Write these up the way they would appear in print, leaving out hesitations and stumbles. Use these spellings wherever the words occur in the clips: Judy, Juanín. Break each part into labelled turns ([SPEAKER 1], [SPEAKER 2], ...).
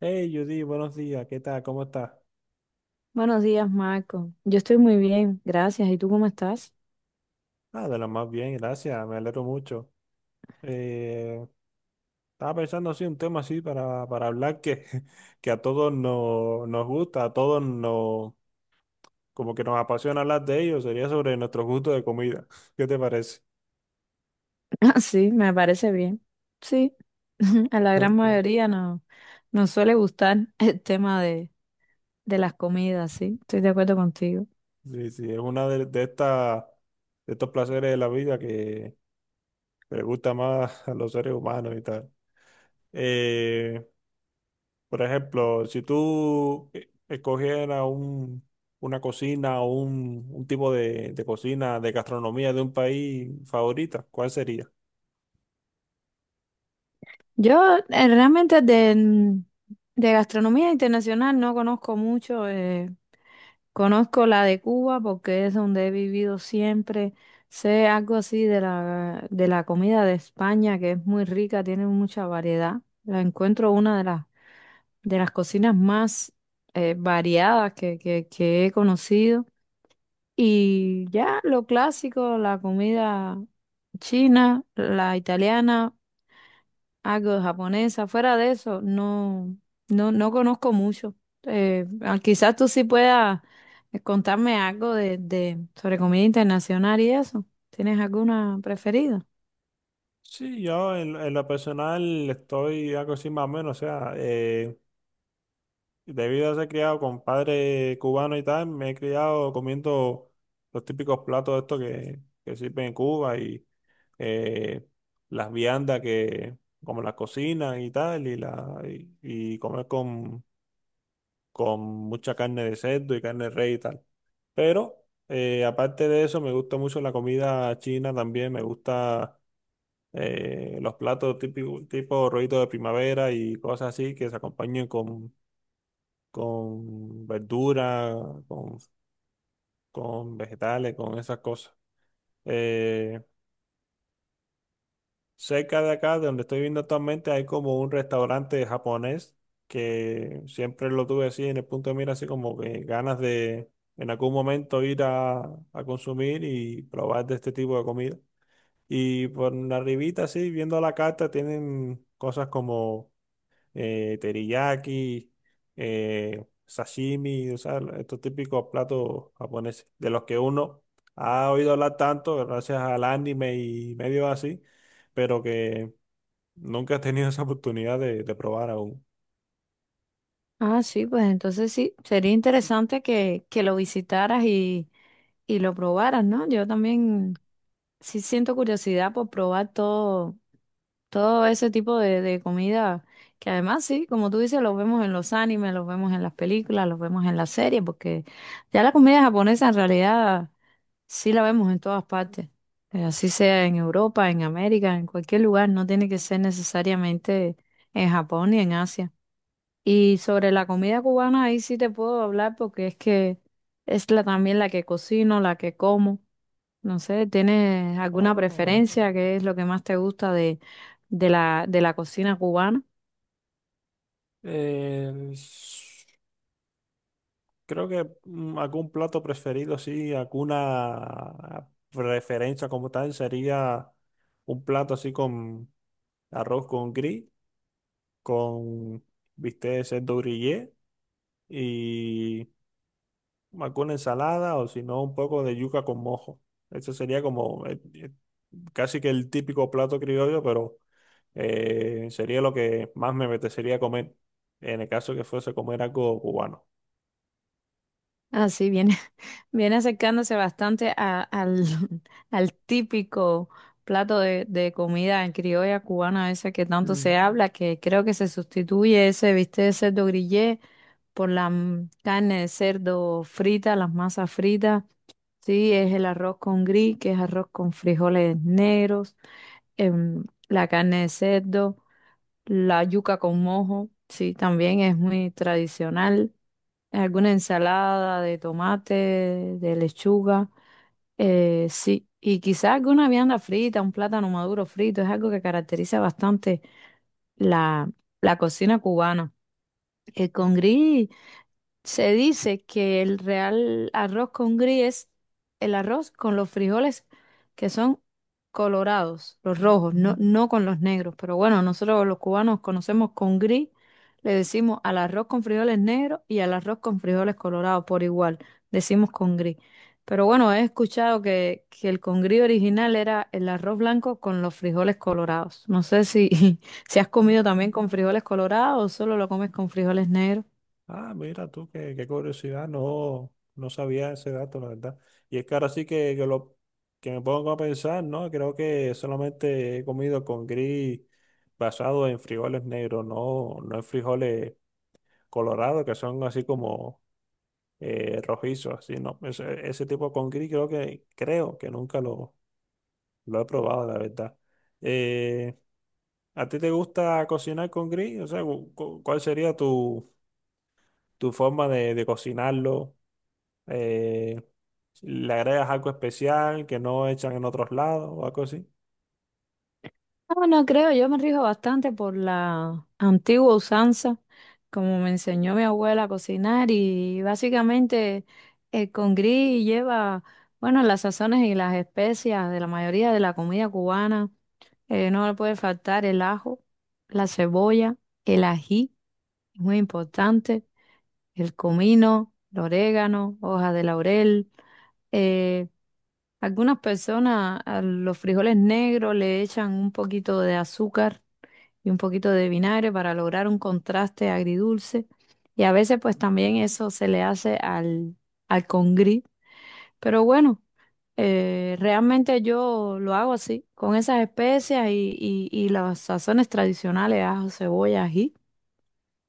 [SPEAKER 1] Hey Judy, buenos días, ¿qué tal? ¿Cómo estás?
[SPEAKER 2] Buenos días, Marco. Yo estoy muy bien, gracias. ¿Y tú cómo estás?
[SPEAKER 1] Ah, de lo más bien, gracias, me alegro mucho. Eh, estaba pensando así un tema así para hablar que que a todos nos gusta, a todos nos como que nos apasiona hablar de ello, sería sobre nuestros gustos de comida. ¿Qué te parece?
[SPEAKER 2] Ah, sí, me parece bien. Sí, a la gran
[SPEAKER 1] Ok.
[SPEAKER 2] mayoría no nos suele gustar el tema de las comidas. Sí, estoy de acuerdo contigo.
[SPEAKER 1] Sí, sí, es una de estas de estos placeres de la vida que le gusta más a los seres humanos y tal. Eh, Por ejemplo, si tú una cocina o un tipo de cocina, de gastronomía de un país favorita, ¿cuál sería?
[SPEAKER 2] Yo realmente de gastronomía internacional no conozco mucho. Conozco la de Cuba porque es donde he vivido siempre. Sé algo así de de la comida de España, que es muy rica, tiene mucha variedad. La encuentro una de de las cocinas más variadas que he conocido. Y ya lo clásico, la comida china, la italiana, algo de japonesa. Fuera de eso, no conozco mucho. Quizás tú sí puedas contarme algo de sobre comida internacional y eso. ¿Tienes alguna preferida?
[SPEAKER 1] Sí, yo en lo personal estoy algo así más o menos, o sea, debido a ser criado con padre cubano y tal, me he criado comiendo los típicos platos estos que sirven en Cuba y eh, las viandas que como las cocinan y tal, y comer con mucha carne de cerdo y carne de res y tal. Pero aparte de eso, me gusta mucho la comida china también, me gusta tipo rollito de primavera y cosas así que se acompañen con verdura, con, con vegetales, con esas cosas. Eh, Cerca de acá, de donde estoy viendo actualmente, hay como un restaurante japonés que siempre lo tuve así en el punto de mira, así como que ganas de en algún momento ir a consumir y probar de este tipo de comida. Y por la arribita, así, viendo la carta, tienen cosas como teriyaki, sashimi, o sea, estos típicos platos japoneses, de los que uno ha oído hablar tanto gracias al anime y medio así pero que nunca has tenido esa oportunidad de probar aún.
[SPEAKER 2] Ah, sí, pues entonces sí, sería interesante que lo visitaras y lo probaras, ¿no? Yo también sí siento curiosidad por probar todo ese tipo de comida, que además sí, como tú dices, los vemos en los animes, los vemos en las películas, los vemos en las series, porque ya la comida japonesa en realidad sí la vemos en todas partes. Así sea en Europa, en América, en cualquier lugar, no tiene que ser necesariamente en Japón ni en Asia. Y sobre la comida cubana, ahí sí te puedo hablar, porque es que es también la que cocino, la que como. No sé, ¿tienes alguna
[SPEAKER 1] Oh,
[SPEAKER 2] preferencia? ¿Qué es lo que más te gusta de de la cocina cubana?
[SPEAKER 1] eh, s- creo que algún plato preferido, sí, alguna preferencia como tal sería un plato así con arroz con gris, con bistec de cerdo grillé y alguna ensalada o si no un poco de yuca con mojo. Eso sería como casi que el típico plato criollo, pero sería lo que más me apetecería comer en el caso que fuese comer algo cubano.
[SPEAKER 2] Ah, sí, viene, viene acercándose bastante al, al típico plato de comida criolla cubana, ese que tanto se
[SPEAKER 1] Mm.
[SPEAKER 2] habla, que creo que se sustituye ese bistec de cerdo grillé por la carne de cerdo frita, las masas fritas. Sí, es el arroz con gris, que es arroz con frijoles negros, la carne de cerdo, la yuca con mojo, sí, también es muy tradicional. Alguna ensalada de tomate, de lechuga, sí, y quizás alguna vianda frita, un plátano maduro frito, es algo que caracteriza bastante la, la cocina cubana. El con gris. Se dice que el real arroz con gris es el arroz con los frijoles que son colorados, los rojos, no con los negros. Pero bueno, nosotros los cubanos conocemos con gris, le decimos al arroz con frijoles negros y al arroz con frijoles colorados por igual, decimos con gris. Pero bueno, he escuchado que el con gris original era el arroz blanco con los frijoles colorados. No sé si, si has comido
[SPEAKER 1] Ah,
[SPEAKER 2] también con frijoles colorados o solo lo comes con frijoles negros.
[SPEAKER 1] ah, mira tú, qué curiosidad, no, no sabía ese dato, la verdad. Y es que ahora sí que me pongo a pensar, ¿no? Creo que solamente he comido con gris basado en frijoles negros, no en frijoles colorados, que son así como rojizos, así, ¿no? Ese tipo con gris creo que nunca lo lo he probado, la verdad. Eh, ¿A ti te gusta cocinar con grill? O sea, ¿cuál sería tu forma de cocinarlo? Eh, ¿Le agregas algo especial que no echan en otros lados o algo así?
[SPEAKER 2] No, no creo, yo me rijo bastante por la antigua usanza, como me enseñó mi abuela a cocinar, y básicamente el congrí lleva, bueno, las sazones y las especias de la mayoría de la comida cubana. No le puede faltar el ajo, la cebolla, el ají, muy importante, el comino, el orégano, hoja de laurel. Eh, Algunas personas a los frijoles negros le echan un poquito de azúcar y un poquito de vinagre para lograr un contraste agridulce. Y a veces pues también eso se le hace al congrí. Pero bueno, realmente yo lo hago así, con esas especias y las sazones tradicionales, ajo, cebolla, ají.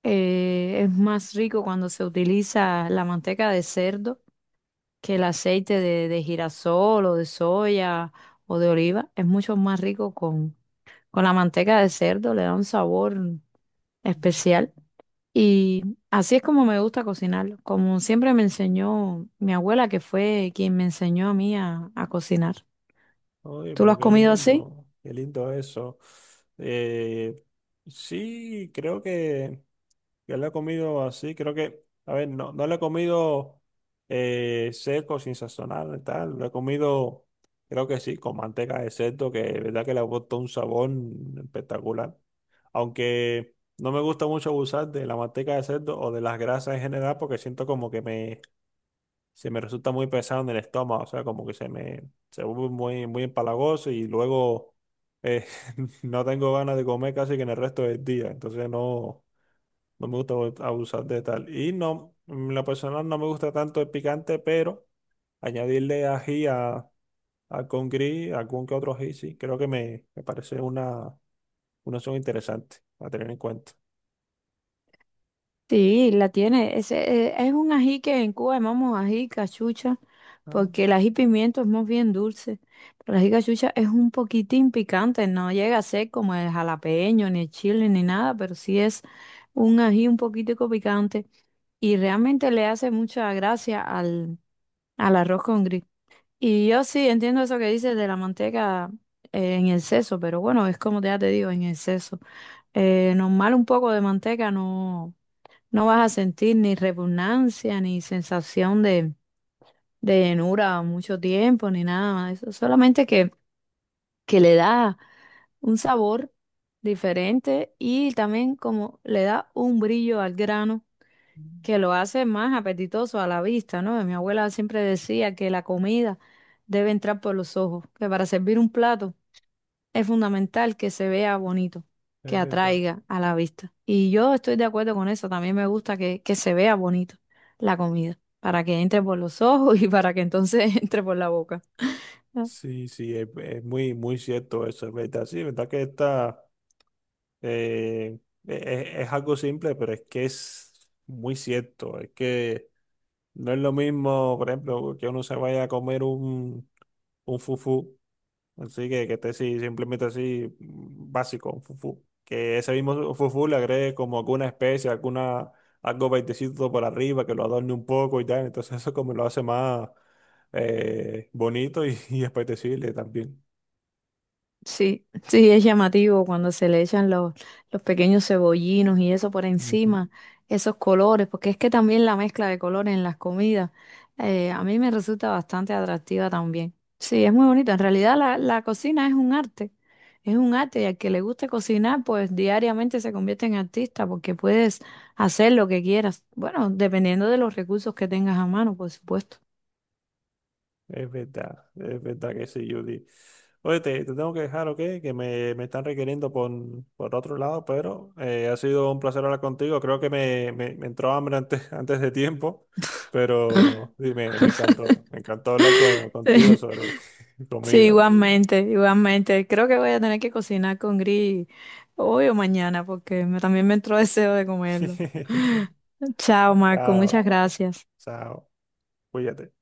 [SPEAKER 2] Es más rico cuando se utiliza la manteca de cerdo que el aceite de girasol o de soya o de oliva. Es mucho más rico con la manteca de cerdo, le da un sabor especial. Y así es como me gusta cocinarlo, como siempre me enseñó mi abuela, que fue quien me enseñó a mí a cocinar.
[SPEAKER 1] Oye,
[SPEAKER 2] ¿Tú lo
[SPEAKER 1] pero
[SPEAKER 2] has comido así?
[SPEAKER 1] qué lindo eso. Eh, sí, creo que... Yo lo he comido así, creo que, a ver, no lo he comido seco, sin sazonar y tal. Lo he comido, creo que sí, con manteca de cerdo, que de verdad que le aporta un sabor espectacular. Aunque no me gusta mucho abusar de la manteca de cerdo o de las grasas en general, porque siento como que se me resulta muy pesado en el estómago, o sea, como que se vuelve muy empalagoso y luego eh, no tengo ganas de comer casi que en el resto del día. Entonces no. No me gusta abusar de tal. Y no, en lo personal no me gusta tanto el picante, pero añadirle ají a con gris, algún que otro ají, sí, creo que me parece una opción interesante a tener en cuenta.
[SPEAKER 2] Sí, la tiene. Ese, es un ají que en Cuba llamamos ají cachucha,
[SPEAKER 1] Ah,
[SPEAKER 2] porque el ají pimiento es más bien dulce, pero el ají cachucha es un poquitín picante, no llega a ser como el jalapeño, ni el chile, ni nada, pero sí es un ají un poquitico picante y realmente le hace mucha gracia al, al arroz con. Y yo sí entiendo eso que dices de la manteca en exceso, pero bueno, es como ya te digo, en exceso. Normal, un poco de manteca no, no vas a sentir ni repugnancia, ni sensación de llenura mucho tiempo, ni nada más de eso. Solamente que le da un sabor diferente, y también como le da un brillo al grano que lo hace más apetitoso a la vista, ¿no? Mi abuela siempre decía que la comida debe entrar por los ojos, que para servir un plato es fundamental que se vea bonito, que
[SPEAKER 1] es verdad.
[SPEAKER 2] atraiga a la vista. Y yo estoy de acuerdo con eso, también me gusta que se vea bonito la comida, para que entre por los ojos y para que entonces entre por la boca.
[SPEAKER 1] Sí, sí, es muy, muy cierto eso, es verdad. Sí, es verdad que esta eh, es algo simple, pero es que es muy cierto. Es que no es lo mismo, por ejemplo, que uno se vaya a comer un fufú así que esté así, simplemente así, mm, básico, fufu. Que ese mismo fufu le agregue como alguna especie, alguna, algo baitecito por arriba, que lo adorne un poco y tal. Entonces eso como lo hace más bonito y y apetecible también.
[SPEAKER 2] Sí, sí, es llamativo cuando se le echan los pequeños cebollinos y eso por encima, esos colores, porque es que también la mezcla de colores en las comidas, a mí me resulta bastante atractiva también. Sí, es muy bonito. En realidad la, la cocina es un arte, es un arte, y al que le guste cocinar, pues diariamente se convierte en artista porque puedes hacer lo que quieras. Bueno, dependiendo de los recursos que tengas a mano, por supuesto.
[SPEAKER 1] Es verdad que sí, Judy. Oye, te tengo que dejar, ¿ok? Que me están requiriendo por otro lado, pero ha sido un placer hablar contigo. Creo que me entró hambre antes, antes de tiempo, pero sí, me encantó. Me encantó hablar contigo sobre
[SPEAKER 2] Sí,
[SPEAKER 1] comida.
[SPEAKER 2] igualmente, igualmente. Creo que voy a tener que cocinar con gris hoy o mañana, porque me- también me entró deseo de comerlo. Chao, Marco, muchas
[SPEAKER 1] Chao,
[SPEAKER 2] gracias.
[SPEAKER 1] chao, cuídate.